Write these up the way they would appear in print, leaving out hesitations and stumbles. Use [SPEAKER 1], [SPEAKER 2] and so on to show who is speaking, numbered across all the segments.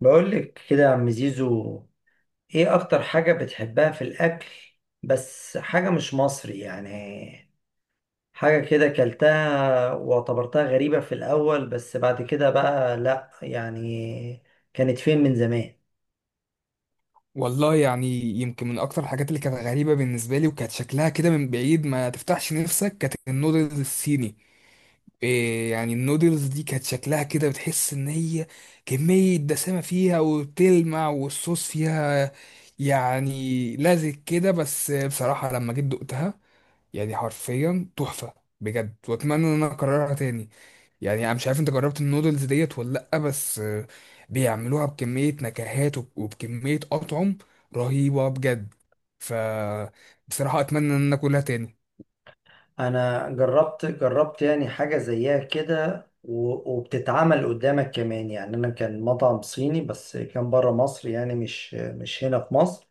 [SPEAKER 1] بقول لك كده يا عم زيزو، ايه اكتر حاجة بتحبها في الاكل؟ بس حاجة مش مصري يعني. حاجة كده كلتها واعتبرتها غريبة في الاول بس بعد كده بقى لا يعني. كانت فين من زمان؟
[SPEAKER 2] والله، يعني يمكن من اكتر الحاجات اللي كانت غريبه بالنسبه لي وكانت شكلها كده من بعيد ما تفتحش نفسك كانت النودلز الصيني. إيه يعني النودلز دي كانت شكلها كده بتحس ان هي كميه دسامه فيها وبتلمع والصوص فيها، يعني لازق كده. بس بصراحه لما جيت دقتها يعني حرفيا تحفه بجد، واتمنى ان انا اكررها تاني. يعني انا مش عارف انت جربت النودلز ديت ولا لا، بس بيعملوها بكمية نكهات وبكمية أطعم رهيبة بجد. ف بصراحة أتمنى إن أنا أكلها تاني.
[SPEAKER 1] انا جربت يعني حاجة زيها كده وبتتعمل قدامك كمان. يعني انا كان مطعم صيني بس كان بره مصر، يعني مش هنا في مصر.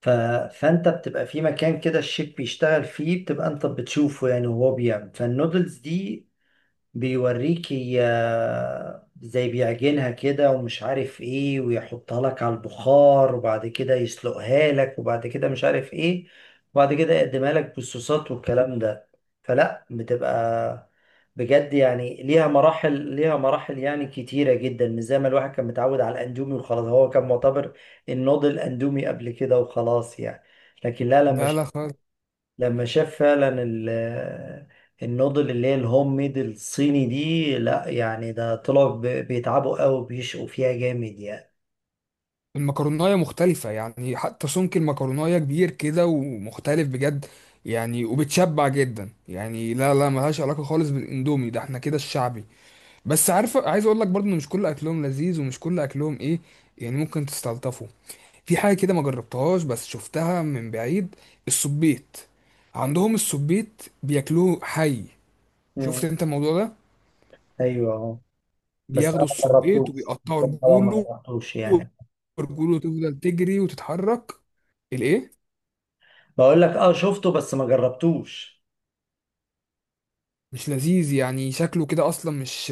[SPEAKER 1] ف... فانت بتبقى في مكان كده الشيف بيشتغل فيه، بتبقى انت بتشوفه يعني وهو بيعمل، فالنودلز دي بيوريكي زي بيعجنها كده ومش عارف ايه، ويحطها لك على البخار، وبعد كده يسلقها لك، وبعد كده مش عارف ايه، وبعد كده يقدمها لك بالصوصات والكلام ده. فلا بتبقى بجد يعني ليها مراحل، ليها مراحل يعني كتيرة جدا، مش زي ما الواحد كان متعود على الأندومي وخلاص. هو كان معتبر النوض الأندومي قبل كده وخلاص يعني. لكن لا، لما
[SPEAKER 2] لا لا خالص.
[SPEAKER 1] لما شاف فعلا النودل اللي هي الهوم ميد الصيني دي، لا يعني ده طلعوا بيتعبوا قوي، بيشقوا فيها جامد يعني.
[SPEAKER 2] المكروناية مختلفة، يعني حتى سمك المكروناية كبير كده ومختلف بجد. يعني وبتشبع جدا، يعني لا لا ملهاش علاقة خالص بالإندومي ده، احنا كده الشعبي. بس عارف عايز أقول لك برضه إن مش كل أكلهم لذيذ ومش كل أكلهم إيه، يعني ممكن تستلطفه. في حاجة كده ما جربتهاش بس شفتها من بعيد: السبيت. عندهم السبيت بياكلوه حي. شفت
[SPEAKER 1] مم.
[SPEAKER 2] انت الموضوع ده؟
[SPEAKER 1] ايوه اهو. بس
[SPEAKER 2] بياخدوا
[SPEAKER 1] انا ما
[SPEAKER 2] السبيت
[SPEAKER 1] جربتوش. بس
[SPEAKER 2] وبيقطعوا
[SPEAKER 1] أنا طبعا ما
[SPEAKER 2] رجوله،
[SPEAKER 1] جربتوش يعني.
[SPEAKER 2] ورجوله تفضل تجري وتتحرك. الايه،
[SPEAKER 1] بقول لك اه، شفته بس ما جربتوش.
[SPEAKER 2] مش لذيذ، يعني شكله كده اصلا مش.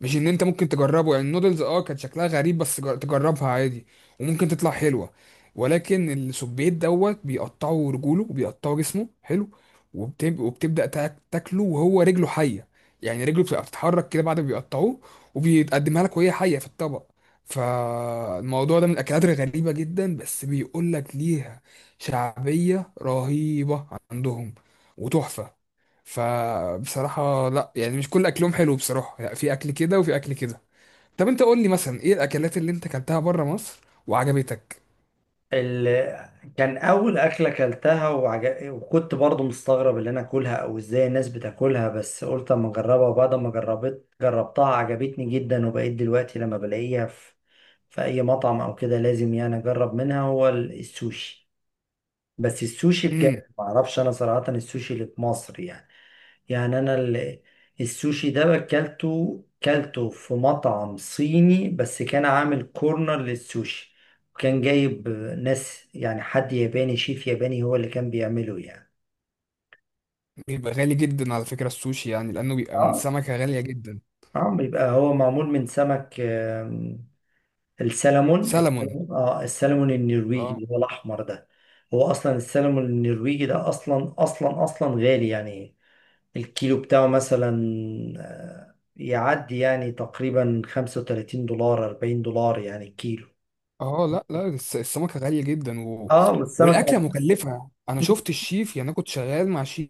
[SPEAKER 2] مش ان انت ممكن تجربه، يعني النودلز كانت شكلها غريب بس تجربها عادي وممكن تطلع حلوه. ولكن السبيت دوت بيقطعوا رجوله وبيقطعوا جسمه حلو، وبتبدا تاكله وهو رجله حيه. يعني رجله بتبقى بتتحرك كده بعد ما بيقطعوه، وبيتقدمها لك وهي حيه في الطبق. فالموضوع ده من الاكلات الغريبه جدا، بس بيقول لك ليها شعبيه رهيبه عندهم وتحفه. فبصراحة لا، يعني مش كل اكلهم حلو بصراحة، يعني في اكل كده وفي اكل كده. طب انت قول لي مثلا ايه الاكلات اللي انت اكلتها بره مصر وعجبتك؟
[SPEAKER 1] ال... كان اول اكله اكلتها وكنت برضو مستغرب اللي انا اكلها او ازاي الناس بتاكلها، بس قلت اما اجربها، وبعد ما جربت جربتها عجبتني جدا، وبقيت دلوقتي لما بلاقيها في في اي مطعم او كده لازم يعني اجرب منها. هو السوشي، بس السوشي
[SPEAKER 2] امم.
[SPEAKER 1] بجد ما اعرفش انا صراحه السوشي اللي في مصر يعني. يعني السوشي ده اكلته، كلته في مطعم صيني بس كان عامل كورنر للسوشي، وكان جايب ناس يعني حد ياباني، شيف ياباني هو اللي كان بيعمله يعني.
[SPEAKER 2] بيبقى غالي جدا على فكرة السوشي، يعني لانه بيبقى من
[SPEAKER 1] اه
[SPEAKER 2] سمكة غالية جدا.
[SPEAKER 1] اه، بيبقى هو معمول من سمك، السلمون،
[SPEAKER 2] سلمون.
[SPEAKER 1] اه السلمون النرويجي
[SPEAKER 2] اه.
[SPEAKER 1] اللي هو الاحمر ده. هو اصلا السلمون النرويجي ده اصلا اصلا اصلا غالي يعني. الكيلو بتاعه مثلا يعدي يعني تقريبا $35 $40 يعني الكيلو.
[SPEAKER 2] اه، لا لا، السمكة غالية جدا و...
[SPEAKER 1] اه
[SPEAKER 2] والاكلة
[SPEAKER 1] والسمكة.
[SPEAKER 2] مكلفة. انا شفت الشيف، يعني انا كنت شغال مع شيف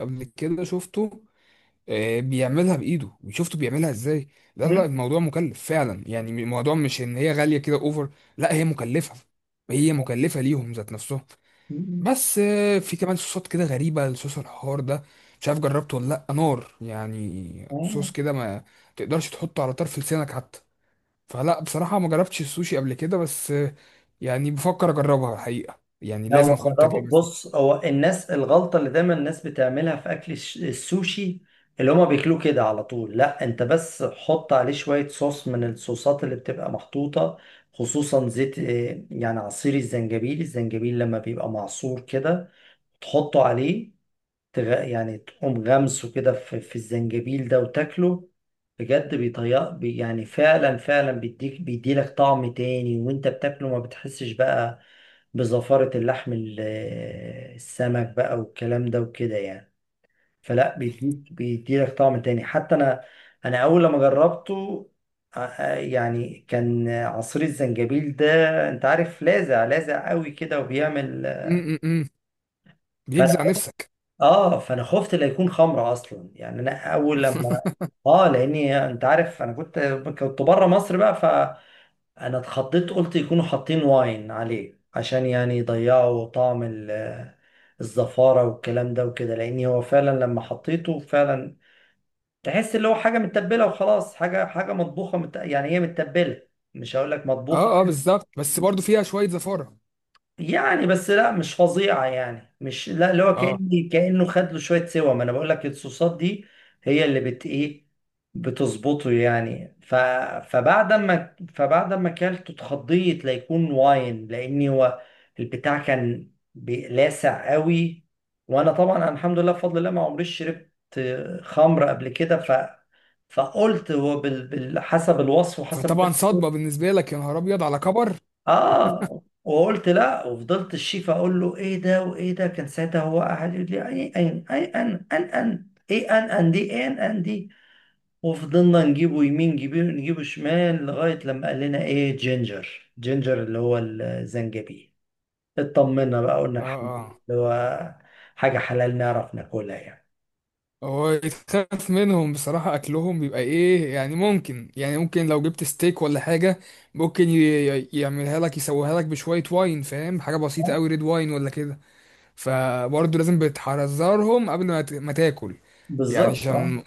[SPEAKER 2] قبل كده شفته. بيعملها بايده وشفته بيعملها ازاي. لا لا، الموضوع مكلف فعلا، يعني الموضوع مش ان هي غاليه كده اوفر، لا هي مكلفه، هي مكلفه ليهم ذات نفسهم. بس في كمان صوصات كده غريبه، صوص الحار ده مش عارف جربته ولا لا. نار، يعني صوص كده ما تقدرش تحطه على طرف لسانك حتى. فلا بصراحه ما جربتش السوشي قبل كده، بس يعني بفكر اجربها الحقيقه، يعني
[SPEAKER 1] لا
[SPEAKER 2] لازم
[SPEAKER 1] هو
[SPEAKER 2] اخد
[SPEAKER 1] جربه،
[SPEAKER 2] التجربه دي.
[SPEAKER 1] بص هو الناس الغلطة اللي دايما الناس بتعملها في أكل السوشي اللي هما بياكلوه كده على طول. لا انت بس حط عليه شوية صوص من الصوصات اللي بتبقى محطوطة، خصوصا زيت، يعني عصير الزنجبيل. الزنجبيل لما بيبقى معصور كده تحطه عليه، يعني تقوم غمسه كده في الزنجبيل ده وتاكله. بجد يعني فعلا فعلا بيديلك طعم تاني، وانت بتاكله ما بتحسش بقى بزفارة السمك بقى والكلام ده وكده يعني. فلا بيديلك طعم تاني. حتى انا اول لما جربته، يعني كان عصير الزنجبيل ده، انت عارف لاذع، لاذع قوي كده وبيعمل.
[SPEAKER 2] م -م -م. بيجزع نفسك.
[SPEAKER 1] اه فانا خفت لا يكون خمره اصلا، يعني انا اول لما، اه لاني انت عارف انا كنت بره مصر بقى، فانا اتخضيت قلت يكونوا حاطين واين عليه عشان يعني يضيعوا طعم الزفاره والكلام ده وكده، لاني هو فعلا لما حطيته فعلا تحس اللي هو حاجه متبله وخلاص، حاجه مطبوخه، يعني هي متبله، مش هقول لك مطبوخه
[SPEAKER 2] اه اه، بالظبط، بس برضو فيها شويه زفاره.
[SPEAKER 1] يعني. بس لا مش فظيعة يعني، مش لا اللي هو
[SPEAKER 2] اه،
[SPEAKER 1] كأنه خد له شوية سوا، ما انا بقول لك الصوصات دي هي اللي بت بتظبطه يعني. فبعد ما اكلته اتخضيت ليكون واين، لاني هو البتاع كان لاسع قوي. وانا طبعا، أنا الحمد لله بفضل الله ما عمريش شربت خمر قبل كده. فقلت هو حسب الوصف وحسب.
[SPEAKER 2] فطبعا صدمة بالنسبة لك، يا نهار أبيض على كبر.
[SPEAKER 1] اه وقلت لا، وفضلت الشيف اقول له ايه ده وايه ده، كان ساعتها هو قاعد يقول لي اي اي اي، ان ان ان ايه، ان ان دي ايه، ان ان دي. وفضلنا نجيبه يمين، نجيبه شمال، لغايه لما قال لنا ايه جينجر، جينجر اللي هو الزنجبيل. اطمنا بقى، قلنا
[SPEAKER 2] اه
[SPEAKER 1] الحمد لله
[SPEAKER 2] اه،
[SPEAKER 1] اللي هو حاجه حلال نعرف ناكلها يعني.
[SPEAKER 2] هو يتخاف منهم بصراحة. أكلهم بيبقى إيه، يعني ممكن، يعني ممكن لو جبت ستيك ولا حاجة ممكن يعملها لك يسويها لك بشوية واين، فاهم، حاجة بسيطة
[SPEAKER 1] آه،
[SPEAKER 2] أوي ريد واين ولا كده. فبرضه لازم بتحذرهم قبل ما ما تاكل، يعني
[SPEAKER 1] بالظبط اه.
[SPEAKER 2] عشان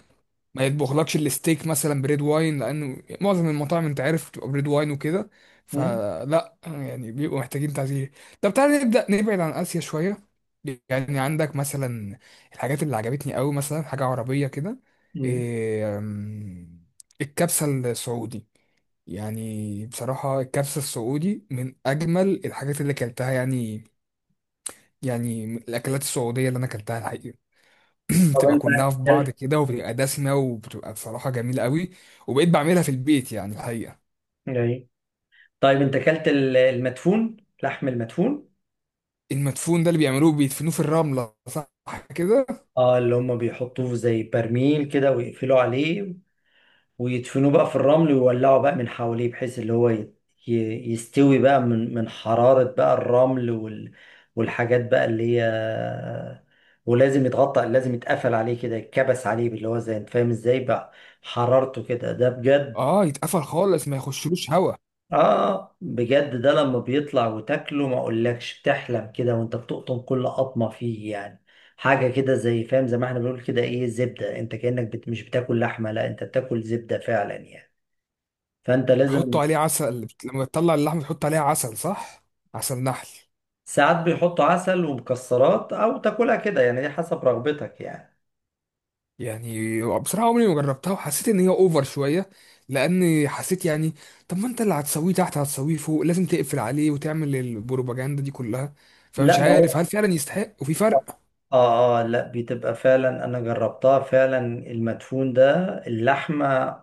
[SPEAKER 2] ما يطبخلكش الستيك مثلا بريد واين، لانه معظم المطاعم انت عارف بتبقى بريد واين وكده.
[SPEAKER 1] مم،
[SPEAKER 2] فلا يعني بيبقوا محتاجين تعزيز. طب تعالى نبدا نبعد عن اسيا شويه. يعني عندك مثلا الحاجات اللي عجبتني قوي مثلا حاجه عربيه كده،
[SPEAKER 1] مم.
[SPEAKER 2] إيه، الكبسه السعودي. يعني بصراحه الكبسه السعودي من اجمل الحاجات اللي اكلتها، يعني يعني من الاكلات السعوديه اللي انا اكلتها.
[SPEAKER 1] طب
[SPEAKER 2] بتبقى
[SPEAKER 1] انت
[SPEAKER 2] كلها في بعض
[SPEAKER 1] اكلت
[SPEAKER 2] كده، وبتبقى دسمة، وبتبقى بصراحة جميلة قوي. وبقيت بعملها في البيت يعني الحقيقة.
[SPEAKER 1] ايه؟ طيب انت اكلت المدفون، لحم المدفون؟
[SPEAKER 2] المدفون ده اللي بيعملوه بيدفنوه في الرملة، صح كده.
[SPEAKER 1] اه اللي هم بيحطوه زي برميل كده ويقفلوا عليه، ويدفنوه بقى في الرمل، ويولعوا بقى من حواليه بحيث اللي هو يستوي بقى من حرارة بقى الرمل والحاجات بقى اللي هي. ولازم يتغطى، لازم يتقفل عليه كده، يتكبس عليه اللي هو زي، انت فاهم ازاي بقى حرارته كده، ده بجد.
[SPEAKER 2] اه، يتقفل خالص ما يخشلوش هوا.
[SPEAKER 1] اه بجد ده لما بيطلع وتاكله ما اقولكش، بتحلم كده وانت بتقطم كل قطمه فيه يعني. حاجه كده زي فاهم، زي ما احنا بنقول كده ايه، زبده. انت كانك مش بتاكل لحمه، لا انت بتاكل زبده فعلا يعني. فانت لازم.
[SPEAKER 2] يحطوا عليه عسل، لما تطلع اللحمة تحط عليها عسل، صح، عسل نحل.
[SPEAKER 1] ساعات بيحطوا عسل ومكسرات، او تاكلها كده يعني، دي حسب رغبتك يعني.
[SPEAKER 2] يعني بصراحة عمري ما جربتها وحسيت ان هي اوفر شوية، لان حسيت يعني طب ما انت اللي هتسويه تحت هتسويه فوق لازم تقفل عليه وتعمل البروباجندا دي كلها، فمش
[SPEAKER 1] لا ما
[SPEAKER 2] عارف هل
[SPEAKER 1] هو،
[SPEAKER 2] فعلا يستحق وفي فرق.
[SPEAKER 1] اه اه لا بتبقى فعلا، انا جربتها فعلا. المدفون ده اللحمه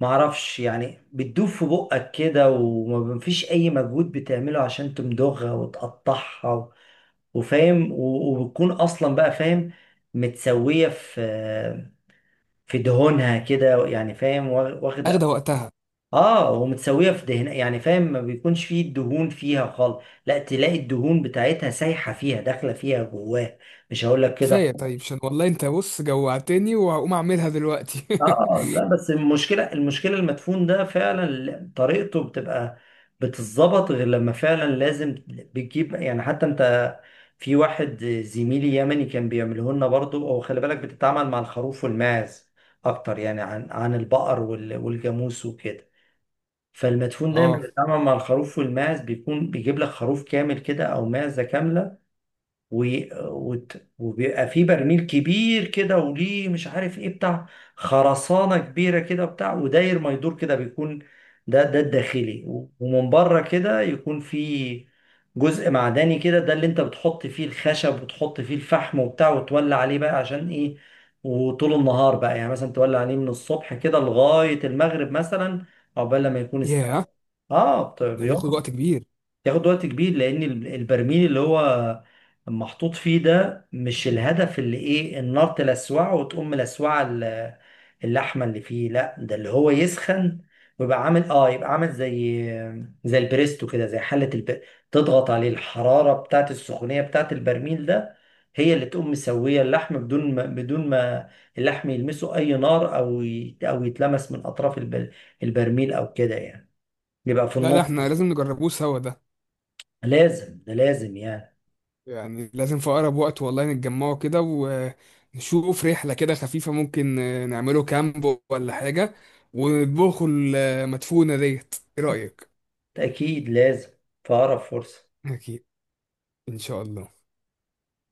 [SPEAKER 1] معرفش يعني بتدوب في بقك كده، ومفيش اي مجهود بتعمله عشان تمضغها وتقطعها وفاهم، وبتكون اصلا بقى فاهم متسوية في في دهونها كده يعني، فاهم
[SPEAKER 2] اخده
[SPEAKER 1] واخدة.
[SPEAKER 2] وقتها.
[SPEAKER 1] اه ومتسوية في دهن يعني فاهم، ما بيكونش فيه الدهون فيها خالص، لا تلاقي الدهون بتاعتها سايحة فيها داخلة فيها جواها، مش هقول لك
[SPEAKER 2] كفاية
[SPEAKER 1] كده.
[SPEAKER 2] طيب، عشان والله انت بص جوعتني، وهقوم اعملها دلوقتي.
[SPEAKER 1] اه لا بس المشكله المدفون ده فعلا طريقته بتبقى بتتظبط غير، لما فعلا لازم بتجيب يعني حتى انت. في واحد زميلي يمني كان بيعمله لنا برضه، هو خلي بالك بتتعامل مع الخروف والماعز اكتر يعني عن البقر والجاموس وكده. فالمدفون دايما
[SPEAKER 2] اه.
[SPEAKER 1] بيتعامل مع الخروف والماعز، بيكون بيجيب لك خروف كامل كده او معزه كامله. و... وبيبقى في برميل كبير كده، وليه مش عارف ايه بتاع، خرسانة كبيرة كده بتاع، وداير ما يدور كده بيكون، ده ده الداخلي، ومن بره كده يكون في جزء معدني كده، ده اللي انت بتحط فيه الخشب وتحط فيه الفحم وبتاع وتولع عليه بقى عشان ايه. وطول النهار بقى يعني مثلا تولع عليه من الصبح كده لغاية المغرب مثلا، عقبال لما يكون استوى.
[SPEAKER 2] ياه،
[SPEAKER 1] اه
[SPEAKER 2] ده بياخد وقت
[SPEAKER 1] بيقعد
[SPEAKER 2] كبير.
[SPEAKER 1] ياخد وقت كبير، لان البرميل اللي هو محطوط فيه ده، مش الهدف اللي ايه النار تلسوعه وتقوم ملسوعه اللحمه اللي فيه، لا ده اللي هو يسخن ويبقى عامل، اه يبقى عامل زي زي البريستو كده، زي حله تضغط عليه الحراره بتاعت السخونيه بتاعت البرميل ده، هي اللي تقوم مسويه اللحم، بدون ما اللحم يلمسه اي نار، او يتلمس من اطراف البرميل او كده يعني، يبقى في
[SPEAKER 2] لا، ده
[SPEAKER 1] النص.
[SPEAKER 2] احنا لازم نجربوه سوا ده،
[SPEAKER 1] لازم ده لازم يعني.
[SPEAKER 2] يعني لازم في اقرب وقت والله نتجمعوا كده ونشوف رحلة كده خفيفة، ممكن نعمله كامب ولا حاجة، ونطبخوا المدفونة ديت. ايه رأيك؟
[SPEAKER 1] أكيد لازم، في أقرب فرصة.
[SPEAKER 2] أكيد. إن شاء الله.